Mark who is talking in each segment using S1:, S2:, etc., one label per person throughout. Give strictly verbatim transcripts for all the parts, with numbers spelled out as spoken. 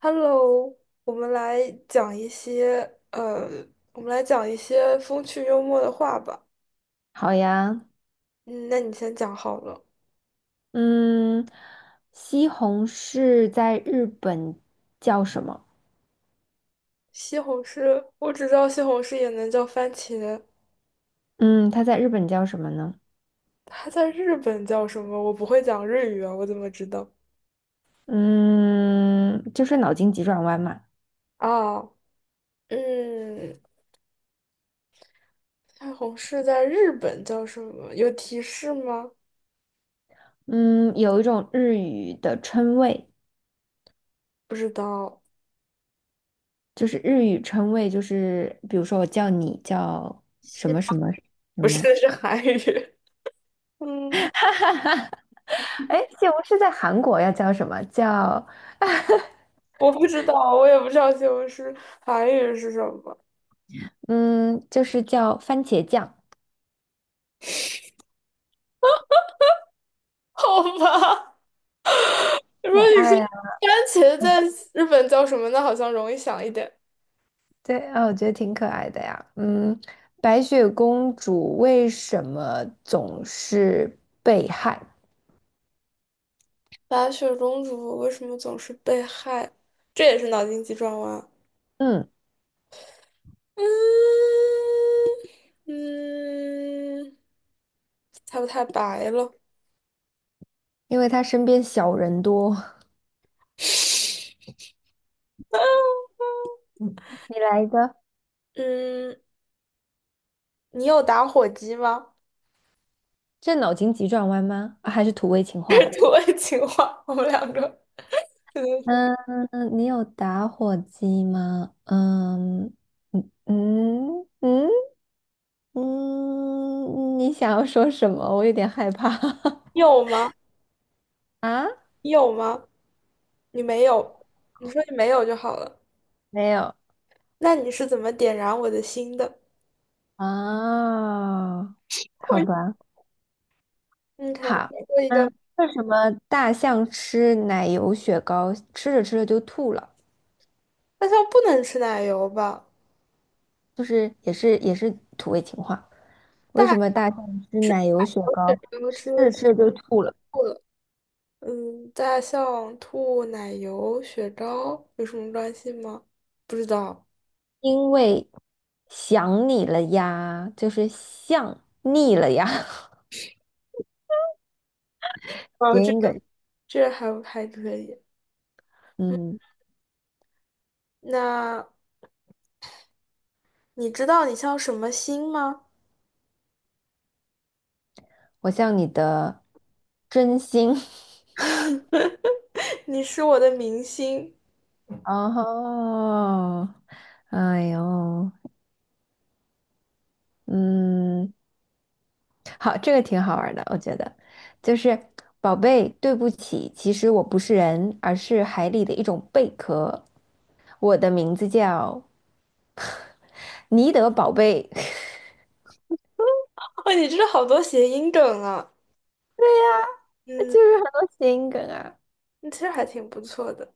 S1: Hello，我们来讲一些呃，我们来讲一些风趣幽默的话吧。
S2: 好呀，
S1: 嗯，那你先讲好了。
S2: 嗯，西红柿在日本叫什么？
S1: 西红柿，我只知道西红柿也能叫番茄，
S2: 嗯，它在日本叫什么呢？
S1: 它在日本叫什么？我不会讲日语啊，我怎么知道？
S2: 嗯，就是脑筋急转弯嘛。
S1: 啊，嗯，西红柿在日本叫什么？有提示吗？
S2: 嗯，有一种日语的称谓，
S1: 不知道，
S2: 就是日语称谓，就是比如说我叫你叫
S1: 西
S2: 什么什么什
S1: 不
S2: 么。
S1: 是是韩语。嗯，
S2: 哎，西红柿在韩国要叫什么？叫
S1: 我不知道，我也不知道西红柿韩语是什么。
S2: 嗯，就是叫番茄酱。
S1: 好吧。如果
S2: 可
S1: 你说
S2: 爱啊。
S1: 番茄在日本叫什么呢？好像容易想一点。
S2: 对，啊，我觉得挺可爱的呀。嗯，白雪公主为什么总是被害？
S1: 白雪公主为什么总是被害？这也是脑筋急转弯。
S2: 嗯，
S1: 嗯嗯，猜不太白了。
S2: 因为她身边小人多。你来一个，
S1: 嗯，你有打火机吗？
S2: 这脑筋急转弯吗？啊还是土味情
S1: 这是
S2: 话？
S1: 土味情话，我们两个真的是
S2: 嗯，你有打火机吗？嗯嗯嗯嗯嗯，你想要说什么？我有点害怕。
S1: 你有吗？
S2: 啊，
S1: 你有吗？你没有，你说你没有就好了。
S2: 没有
S1: 那你是怎么点燃我的心的？
S2: 啊，好
S1: 我
S2: 吧。
S1: 嗯，还有
S2: 好，
S1: 点过一个，
S2: 嗯，为什么大象吃奶油雪糕，吃着吃着就吐了？
S1: 那它不能吃奶油吧？
S2: 就是也是也是土味情话。为什么
S1: 大
S2: 大象吃奶油雪
S1: 人
S2: 糕，
S1: 要
S2: 吃
S1: 吃的
S2: 着
S1: 是
S2: 吃着就吐了？
S1: 兔子。嗯，大象兔、奶油雪糕有什么关系吗？不知道。
S2: 因为想你了呀，就是想腻了呀。
S1: 哦，
S2: 谐
S1: 这
S2: 音
S1: 个
S2: 梗，
S1: 这还还可以。
S2: 嗯，
S1: 那你知道你像什么星吗？
S2: 我像你的真心。
S1: 你是我的明星。
S2: 哦，哎呦，嗯。好，这个挺好玩的，我觉得，就是宝贝，对不起，其实我不是人，而是海里的一种贝壳。我的名字叫尼德宝贝，
S1: 哦，你知道好多谐音梗啊。
S2: 呀，
S1: 嗯，
S2: 就是很多谐音梗啊。
S1: 那其实还挺不错的。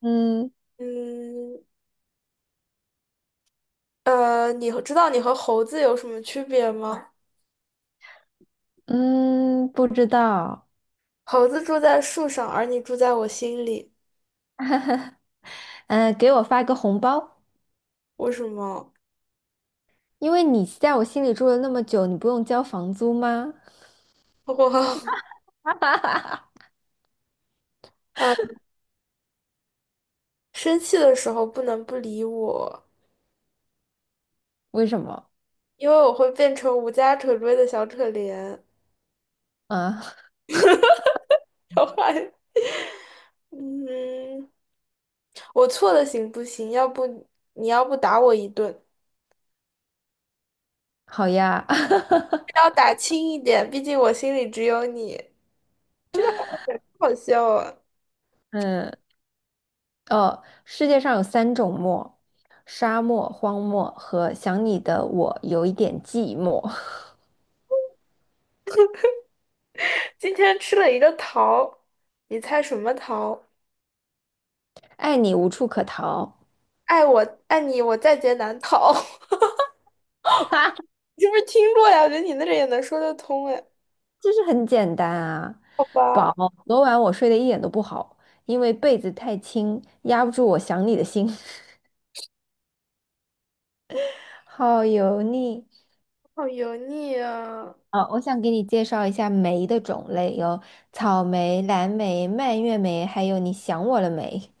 S2: 嗯
S1: 嗯，呃，你和知道你和猴子有什么区别吗？
S2: 嗯，不知道。
S1: 猴子住在树上，而你住在我心里。
S2: 嗯、给我发个红包，
S1: 为什么？
S2: 因为你在我心里住了那么久，你不用交房租吗？
S1: 我生气的时候不能不理我，
S2: 为什么？
S1: 因为我会变成无家可归的小可怜。
S2: 啊，
S1: 超坏。嗯，我错了行不行？要不你要不打我一顿，
S2: 好呀。
S1: 要打轻一点，毕竟我心里只有你。这个好像好笑啊！
S2: 嗯。呃，世界上有三种漠：沙漠、荒漠和想你的我有一点寂寞，
S1: 今天吃了一个桃，你猜什么桃？
S2: 爱你无处可逃
S1: 爱我爱你，我在劫难逃。你是不是听过呀？我觉得你那个也能说得通哎。
S2: 就是很简单啊。
S1: 好吧，
S2: 宝，昨晚我睡得一点都不好，因为被子太轻，压不住我想你的心。好油腻
S1: 好油腻啊！
S2: 啊！我想给你介绍一下梅的种类，有草莓、蓝莓、蔓越莓，还有你想我了没？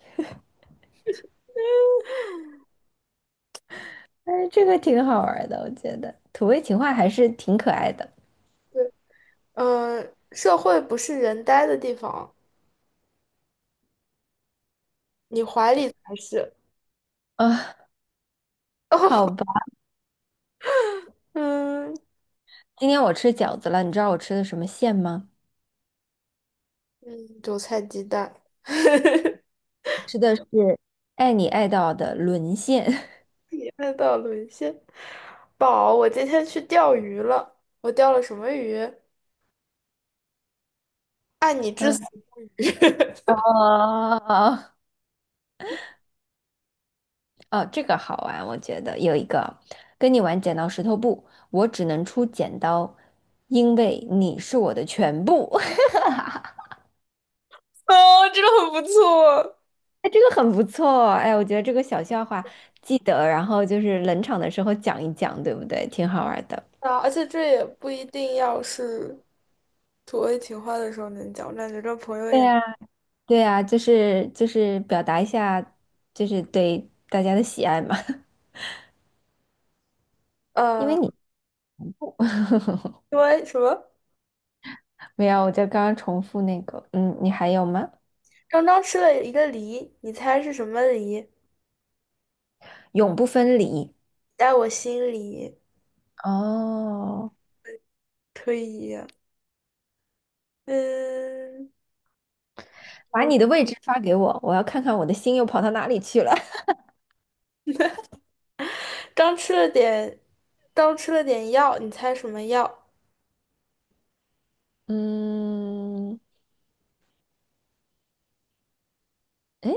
S2: 哎，这个挺好玩的，我觉得土味情话还是挺可爱的。
S1: 嗯，社会不是人呆的地方，你怀里才是。
S2: 啊。好 吧，
S1: 嗯
S2: 今天我吃饺子了，你知道我吃的什么馅吗？
S1: 嗯，韭菜鸡蛋，
S2: 吃的是爱你爱到的沦陷。
S1: 看到沦陷。宝，我今天去钓鱼了，我钓了什么鱼？
S2: 嗯，哦，哦，这个好玩，我觉得有一个跟你玩剪刀石头布，我只能出剪刀，因为你是我的全部。
S1: 哦，这个很不错。
S2: 哎，这个很不错，哎，我觉得这个小笑话记得，然后就是冷场的时候讲一讲，对不对？挺好玩的。
S1: 啊，而且这也不一定要是土味情话的时候能讲，我感觉这朋友
S2: 对
S1: 也，
S2: 呀，对呀，就是就是表达一下，就是对大家的喜爱嘛。因为
S1: 呃，
S2: 你
S1: 因为什么？
S2: 没有，我就刚刚重复那个，嗯，你还有吗？
S1: 刚刚吃了一个梨，你猜是什么梨？
S2: 永不分离。
S1: 在我心里，
S2: 哦，
S1: 可以，嗯。
S2: 把你的位置发给我，我要看看我的心又跑到哪里去了。
S1: 刚吃了点，刚吃了点药，你猜什么药？
S2: 嗯，诶，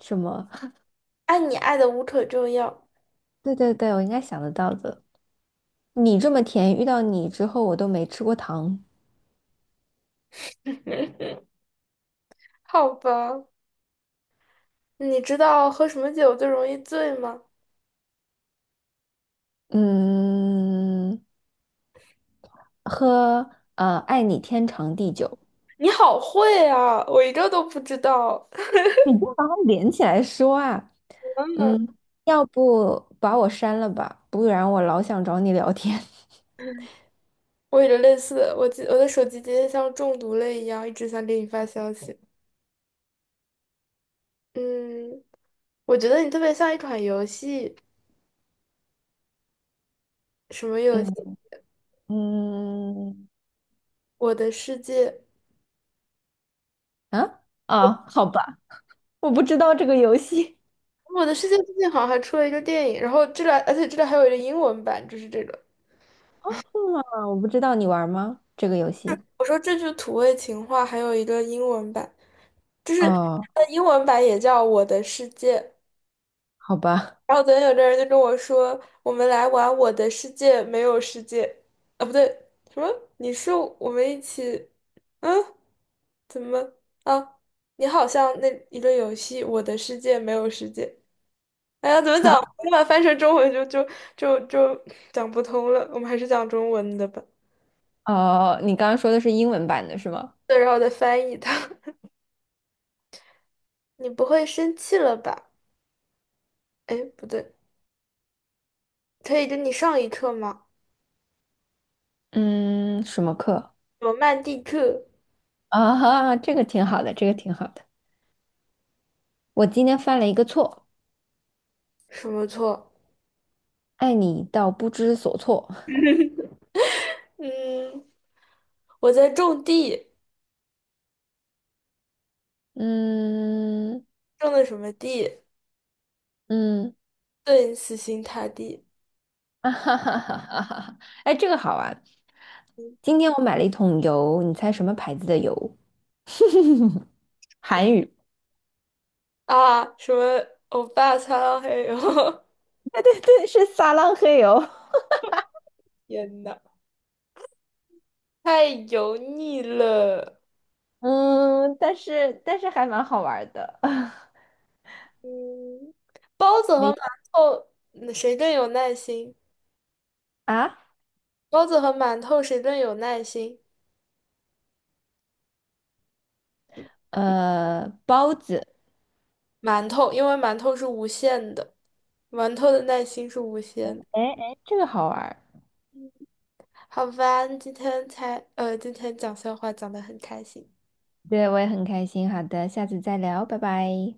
S2: 什么？
S1: 爱你爱的无可救药。
S2: 对对对，我应该想得到的。你这么甜，遇到你之后我都没吃过糖。
S1: 好吧，你知道喝什么酒最容易醉吗？
S2: 嗯，喝呃，爱你天长地久。
S1: 你好会啊，我一个都不知道。
S2: 你不把它连起来说啊？嗯，要不把我删了吧，不然我老想找你聊天。
S1: 我有着类似的，我记我的手机今天像中毒了一样，一直想给你发消息。嗯，我觉得你特别像一款游戏，什么 游戏？
S2: 嗯。嗯，
S1: 我的世界，
S2: 啊啊，好吧，我不知道这个游戏，
S1: 我的世界最近好像还出了一个电影，然后这个，而且这个还有一个英文版，就是这个。
S2: 啊，我不知道你玩吗？这个游戏？
S1: 我说这句土味情话还有一个英文版，就是
S2: 哦，
S1: 它的英文版也叫《我的世界》。
S2: 好吧，
S1: 然后昨天有个人就跟我说，我们来玩《我的世界》，没有世界。啊，不对，什么？你是我们一起？嗯，怎么啊？你好像那一个游戏《我的世界》没有世界。哎呀，怎么
S2: 啊，
S1: 讲？我把它翻成中文就就就就讲不通了。我们还是讲中文的吧。
S2: 哦，你刚刚说的是英文版的是吗？
S1: 对，然后再翻译它。你不会生气了吧？哎，不对。可以跟你上一课吗？
S2: 嗯，什么课？
S1: 罗曼蒂克
S2: 啊哈，这个挺好的，这个挺好的。我今天犯了一个错，
S1: 什么错？
S2: 爱你到不知所措。
S1: 嗯，我在种地，
S2: 嗯
S1: 种的什么地？
S2: 嗯，
S1: 顿死心塌地
S2: 啊哈哈哈哈哈哈，哎，这个好玩。今天我买了一桶油，你猜什么牌子的油？韩语。
S1: 啊！什么欧巴桑？还有，
S2: 对对对，是撒浪嘿油。
S1: 天呐，太油腻了。
S2: 嗯，但是但是还蛮好玩儿的。
S1: 嗯，包子和
S2: 哎，
S1: 馒头，嗯谁更有耐心？
S2: 啊，
S1: 包子和馒头谁更有耐心？
S2: 呃，包子，
S1: 馒头，因为馒头是无限的，馒头的耐心是无限的。
S2: 哎哎，这个好玩儿
S1: 好吧，今天才呃，今天讲笑话讲得很开心。
S2: 对，我也很开心。好的，下次再聊，拜拜。